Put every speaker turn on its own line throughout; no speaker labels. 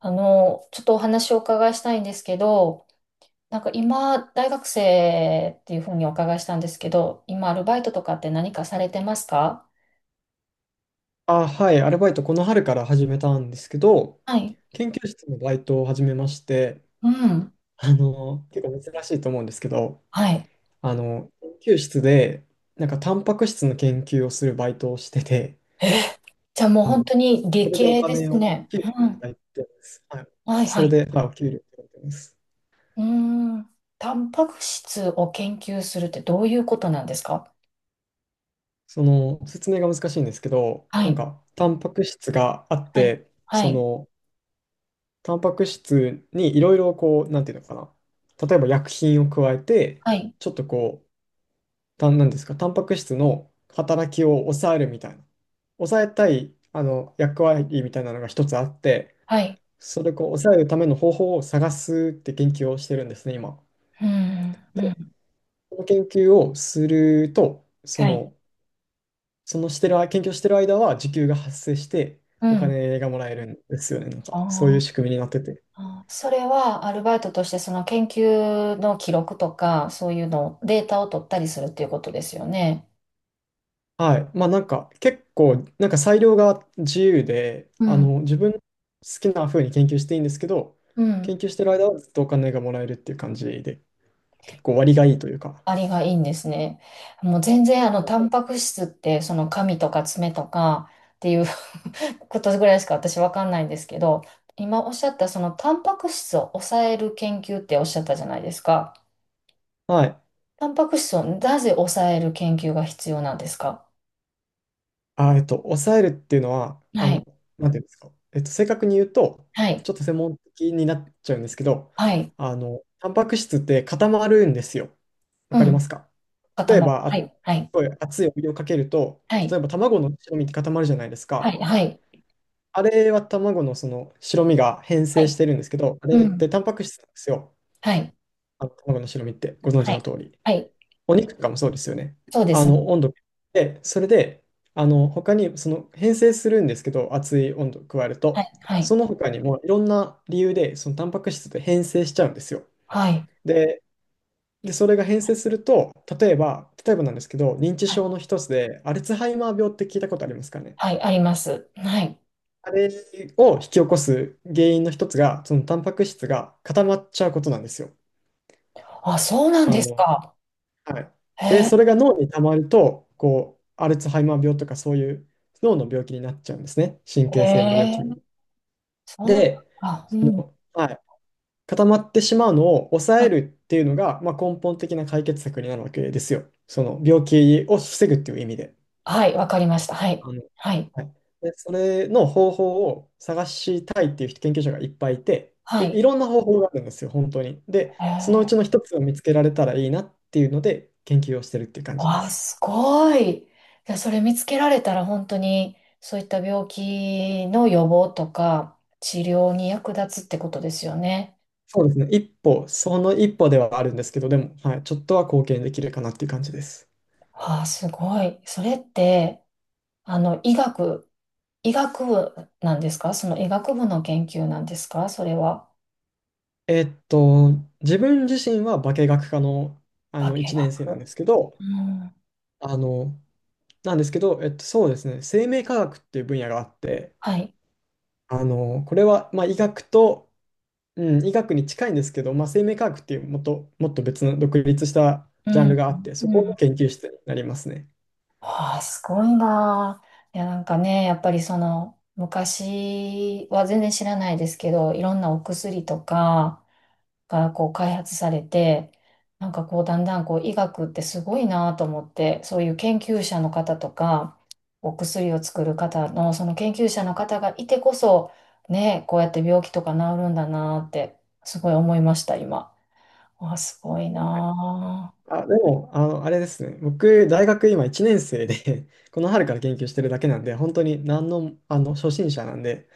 ちょっとお話をお伺いしたいんですけど、なんか今、大学生っていうふうにお伺いしたんですけど、今、アルバイトとかって何かされてますか？
はい、アルバイトこの春から始めたんですけど、
はい。
研究室のバイトを始めまして、
うん。
結構珍しいと思うんですけど、
はい。
あの、研究室で、なんかタンパク質の研究をするバイトをしてて、
じゃあもう本当に
そ
理
れでお
系で
金
す
を、
ね。
給料い
うん。
ただいてます。はい。
はい
そ
は
れ
い。
で、はい、お給料いただいてます。
うーん。タンパク質を研究するってどういうことなんですか？
その、説明が難しいんですけど、
は
なん
い。
か、タンパク質があっ
はい。
て、
は
そ
い。
の、タンパク質にいろいろこう、なんていうのかな、例えば薬品を加えて、
はい。
ちょっとこう、たんなんですか、タンパク質の働きを抑えるみたいな、抑えたい役割みたいなのが一つあって、
はい。
それをこう抑えるための方法を探すって研究をしてるんですね、今。
うん。うん。
その研究をすると、
はい。
そのしてる間、研究をしてる間は時給が発生して、
う
お
ん。
金がもらえるんですよね、なんか、そうい
あ
う仕組みになってて。
あ、それはアルバイトとしてその研究の記録とか、そういうの、データを取ったりするっていうことですよね。
はい。まあなんか結構なんか裁量が自由で、
うん。
自分の好きな風に研究していいんですけど、
う
研
ん。
究してる間はずっとお金がもらえるっていう感じで、結構割がいいというか。
ありがいいんですね。もう全然タンパク質って、その髪とか爪とかっていう ことぐらいしか私わかんないんですけど、今おっしゃったそのタンパク質を抑える研究っておっしゃったじゃないですか。
はい。
タンパク質をなぜ抑える研究が必要なんですか？
抑えるっていうのは、
はい。
なんていうんですか。正確に言うと、
はい。
ちょっと専門的になっちゃうんですけど、
はい。
タンパク質って固まるんですよ。わ
う
かりま
ん。
すか？
固
例え
まる。
ば、
は
す
い。はい。
ごい熱いお湯をかけると、
は
例
い。
えば卵の白身って固まるじゃないです
はい、
か。
はい、
あれは卵のその白身が変
は
性
い。
してるんですけど、あ
う
れって
ん。
タンパク質なんですよ。
はい、
あの卵の白身ってご存知
は
の
い、
通り。
はい。
お肉とかもそうですよね。
そうですね。
温度で、それで、他に、その、変性するんですけど、熱い温度を加える
は
と、
い、はい、
その他にもいろんな理由で、その、タンパク質って変性しちゃうんですよ。
はい、
で、で、それが変性すると、例えばなんですけど、認知
はい、
症の一つで、アルツハイマー病って聞いたことありますかね。
はい、あります。はい。
あれを引き起こす原因の一つが、その、タンパク質が固まっちゃうことなんですよ。
あ、そうなん
あ
です
の、
か。
はい。
へ
で、
え、
それが脳に溜まると、アルツハイマー病とかそういう脳の病気になっちゃうんですね。神
へ
経性の病気に。
え、そう
で、
なんだ。うん。
はい、固まってしまうのを抑えるっていうのが、まあ、根本的な解決策になるわけですよ。その病気を防ぐっていう意味で。
はい、わかりました。はい、
あの、
はい、
はい。で、それの方法を探したいっていう研究者がいっぱいいて、
は
で、
い。
いろんな方法があるんですよ、本当に。で、
へ
そのう
え、
ちの一つを見つけられたらいいなっていうので、研究をしてるっていう感じで
わ、
す。
すごい。いや、それ見つけられたら本当にそういった病気の予防とか治療に役立つってことですよね。
そうですね。その一歩ではあるんですけど、でも、はい、ちょっとは貢献できるかなっていう感じです。
あ、すごい。それって、あの、医学、医学部なんですか？その医学部の研究なんですかそれは？
えっと、自分自身は化学科の、
化
1年生なん
学。
ですけど、
うん。
あの、そうですね、生命科学っていう分野があって、
はい。
これは、まあ、医学に近いんですけど、まあ、生命科学っていうもっと別の独立した
う
ジャンル
ん。
があって、そ
う
この
ん。
研究室になりますね。
ああ、すごいなあ。いや、なんかね、やっぱりその、昔は全然知らないですけど、いろんなお薬とか、がこう開発されて、なんかこうだんだんこう医学ってすごいなと思って、そういう研究者の方とか、お薬を作る方のその研究者の方がいてこそ、ね、こうやって病気とか治るんだなってすごい思いました、今。あ、すごいなあ。
でも、あれですね。僕、大学今1年生で この春から研究してるだけなんで、本当に何の、初心者なんで、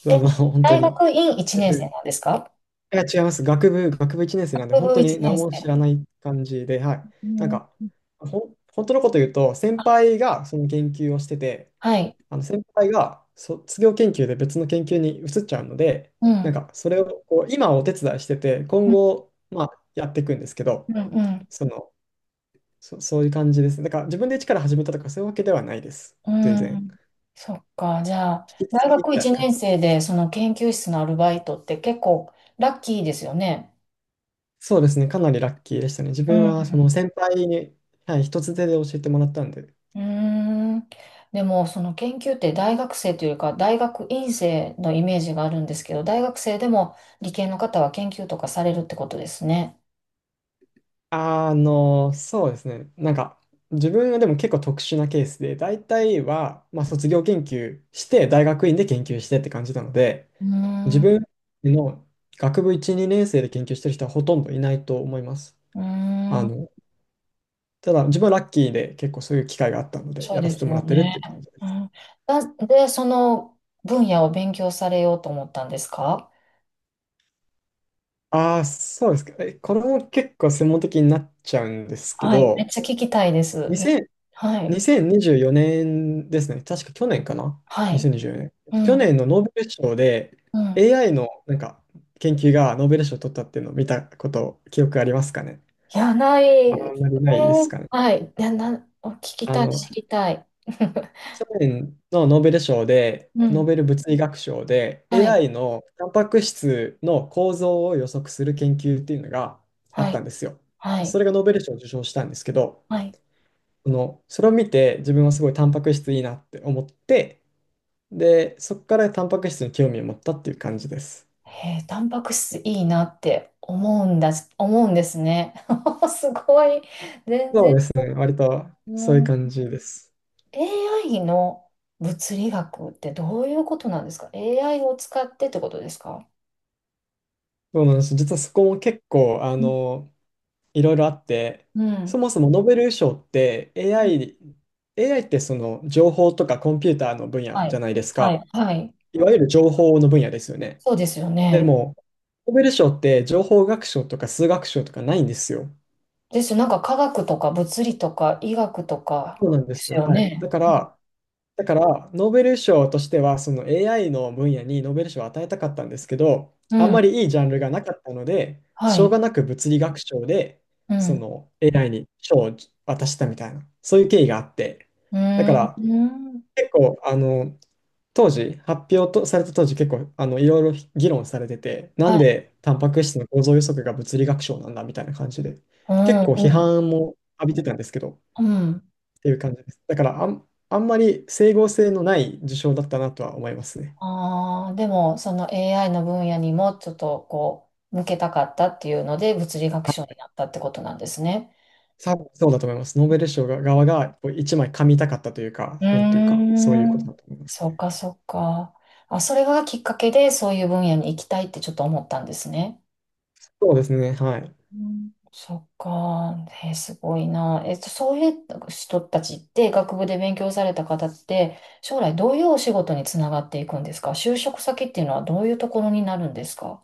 そう
え、
本当
大
に、
学院1
全
年生
然
なんですか？
いや、違います。学部1年生なんで、
学
本
部
当
1
に何
年生。
も知らない感じで、はい。
う
なん
ん、
か、本当のこと言うと、先輩がその研究をしてて、
はい。
先輩が卒業研究で別の研究に移っちゃうので、
う
なん
ん。
か、それを今お手伝いしてて、今
うん、
後、まあ、やっていくんですけど、
うん、うん。
その、そういう感じです。だから自分で一から始めたとかそういうわけではないです。
う
全然。
ん。そっか。じゃあ、
引き継
大
ぎみ
学
たい
1
な感
年
じ。
生でその研究室のアルバイトって結構ラッキーですよね。
そうですね。かなりラッキーでしたね。自
う
分はその
ん。
先輩に、はい、一つ手で教えてもらったんで。
うーん。でも、その研究って大学生というよりか、大学院生のイメージがあるんですけど、大学生でも理系の方は研究とかされるってことですね。
そうですね。なんか、自分はでも結構特殊なケースで、大体は、まあ、卒業研究して、大学院で研究してって感じなので、
う
自
ーん。
分の学部1、2年生で研究してる人はほとんどいないと思います。
うー
あ
ん。
の、ただ、自分はラッキーで結構そういう機会があったので、
そう
やら
で
せて
す
も
よ
らってるっ
ね。
ていう感じ
う
です。
ん。なんで、その分野を勉強されようと思ったんですか？
ああ、そうですか。これも結構専門的になっちゃうんですけ
はい。めっ
ど、
ちゃ聞きたいです。
2
はい。
0 2 4年ですね。確か去年かな？
はい。
2024年。
う
去
ん。
年のノーベル賞で
うん。
AI のなんか研究がノーベル賞を取ったっていうのを見たこと、記憶ありますかね？
いや、ない。
あ
ね。
んまりないですかね。
はい。いや、お聞き
あ
たい、
の、
知りたい。
去年のノーベル賞で、
う
ノー
ん。
ベル物理学賞で、
はい。
AI のタンパク質の構造を予測する研究っていうのがあっ
は
た
い。
んですよ。
はい。
それがノーベル賞を受賞したんですけど、
はい。
それを見て自分はすごいタンパク質いいなって思って、で、そこからタンパク質に興味を持ったっていう感じです。
へえ、タンパク質いいなって思うんだ、思うんですね。すごい。全
そう
然。
ですね、割とそういう
うん、
感じです。
AI の物理学ってどういうことなんですか ?AI を使ってってことですか？
そうなんです。実はそこも結構、
うん。
いろいろあって、
う
そ
ん。
もそもノーベル賞って AI ってその情報とかコンピューターの分野
は
じゃ
い。
ないです
はい。
か。
はい。
いわゆる情報の分野ですよね。
そうですよ
で
ね。
も、ノーベル賞って情報学賞とか数学賞とかないんですよ。
ですよ。なんか科学とか物理とか医学とか
そうなんで
で
す
す
よ。
よ
はい。
ね。うん。
だから、ノーベル賞としては、その AI の分野にノーベル賞を与えたかったんですけど、
う
あんま
ん、
りいいジャンルがなかったので、
は
しょうが
い。
なく物理学賞で、
う
そ
ん。
の AI に賞を渡したみたいな、そういう経緯があって、
う
だか
ー
ら、
ん。
結構、発表とされた当時、結構、いろいろ議論されてて、な
は
ん
い。
でタンパク質の構造予測が物理学賞なんだみたいな感じで、
う
結
ん。
構
う
批
ん。
判も浴びてたんですけど、
うん。
っていう感じです。だからあんまり整合性のない受賞だったなとは思いますね。
ああ、でも、その AI の分野にもちょっとこう、向けたかったっていうので、物理学賞に
あ
なったってことなんですね。
多分そうだと思います。ノーベル賞が側がこう一枚噛みたかったというか、
うー
なんていうか、そういうことだ
ん。
と思います
そ
ね。
っか、そっか。あ、それがきっかけで、そういう分野に行きたいってちょっと思ったんですね。
そうですね、はい。
うん、そっか。えー、すごいな。そういう人たちって、学部で勉強された方って、将来どういうお仕事につながっていくんですか？就職先っていうのはどういうところになるんですか？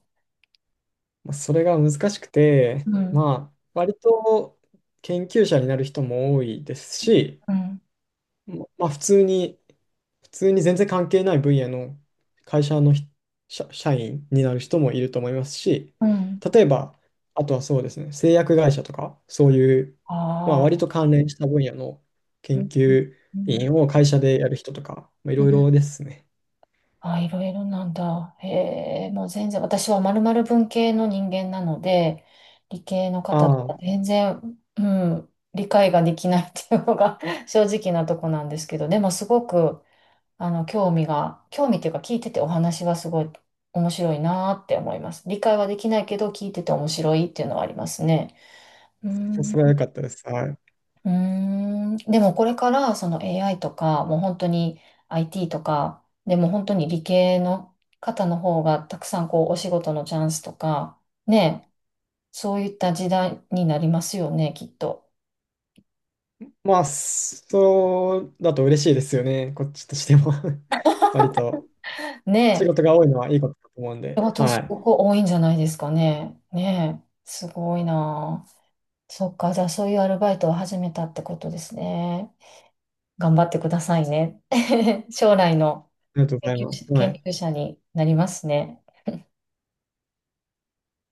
まあ、それが難しくて、
うん、
まあ、割と研究者になる人も多いですし、
うん、
まあ普通に、全然関係ない分野の会社の社員になる人もいると思いますし、
うん。
例えば、あとはそうですね、製薬会社とか、そういう、まあ
あ
割
あ、
と関連した分野の
う
研
ん、
究
うん、
員を会社でやる人とか、まあ、い
う
ろい
ん、
ろですね。
あ、いろいろなんだ。へえ、もう全然、私はまるまる文系の人間なので、理系の方とか
あ
全然、うん、理解ができないっていうのが 正直なとこなんですけど、でもすごく、興味っていうか聞いててお話はすごい面白いなーって思います。理解はできないけど聞いてて面白いっていうのはありますね。うー
あ、
ん。
それは
う
良かったです。はい。
ーん。でもこれからその AI とか、もう本当に IT とか、でも本当に理系の方の方がたくさんこうお仕事のチャンスとか、ねえ、そういった時代になりますよね、きっと。
まあ、そうだと嬉しいですよね、こっちとしても 割と仕事
ね
が多いのはいいことだと思うん
え、仕
で、
事
はい。
す
あ
ごく多いんじゃないですかね。ねえ、すごいなー。そっか、じゃあそういうアルバイトを始めたってことですね。頑張ってくださいね。将来の
りがとうござい
研
ま
究者、
す。はい。
研究者になりますね。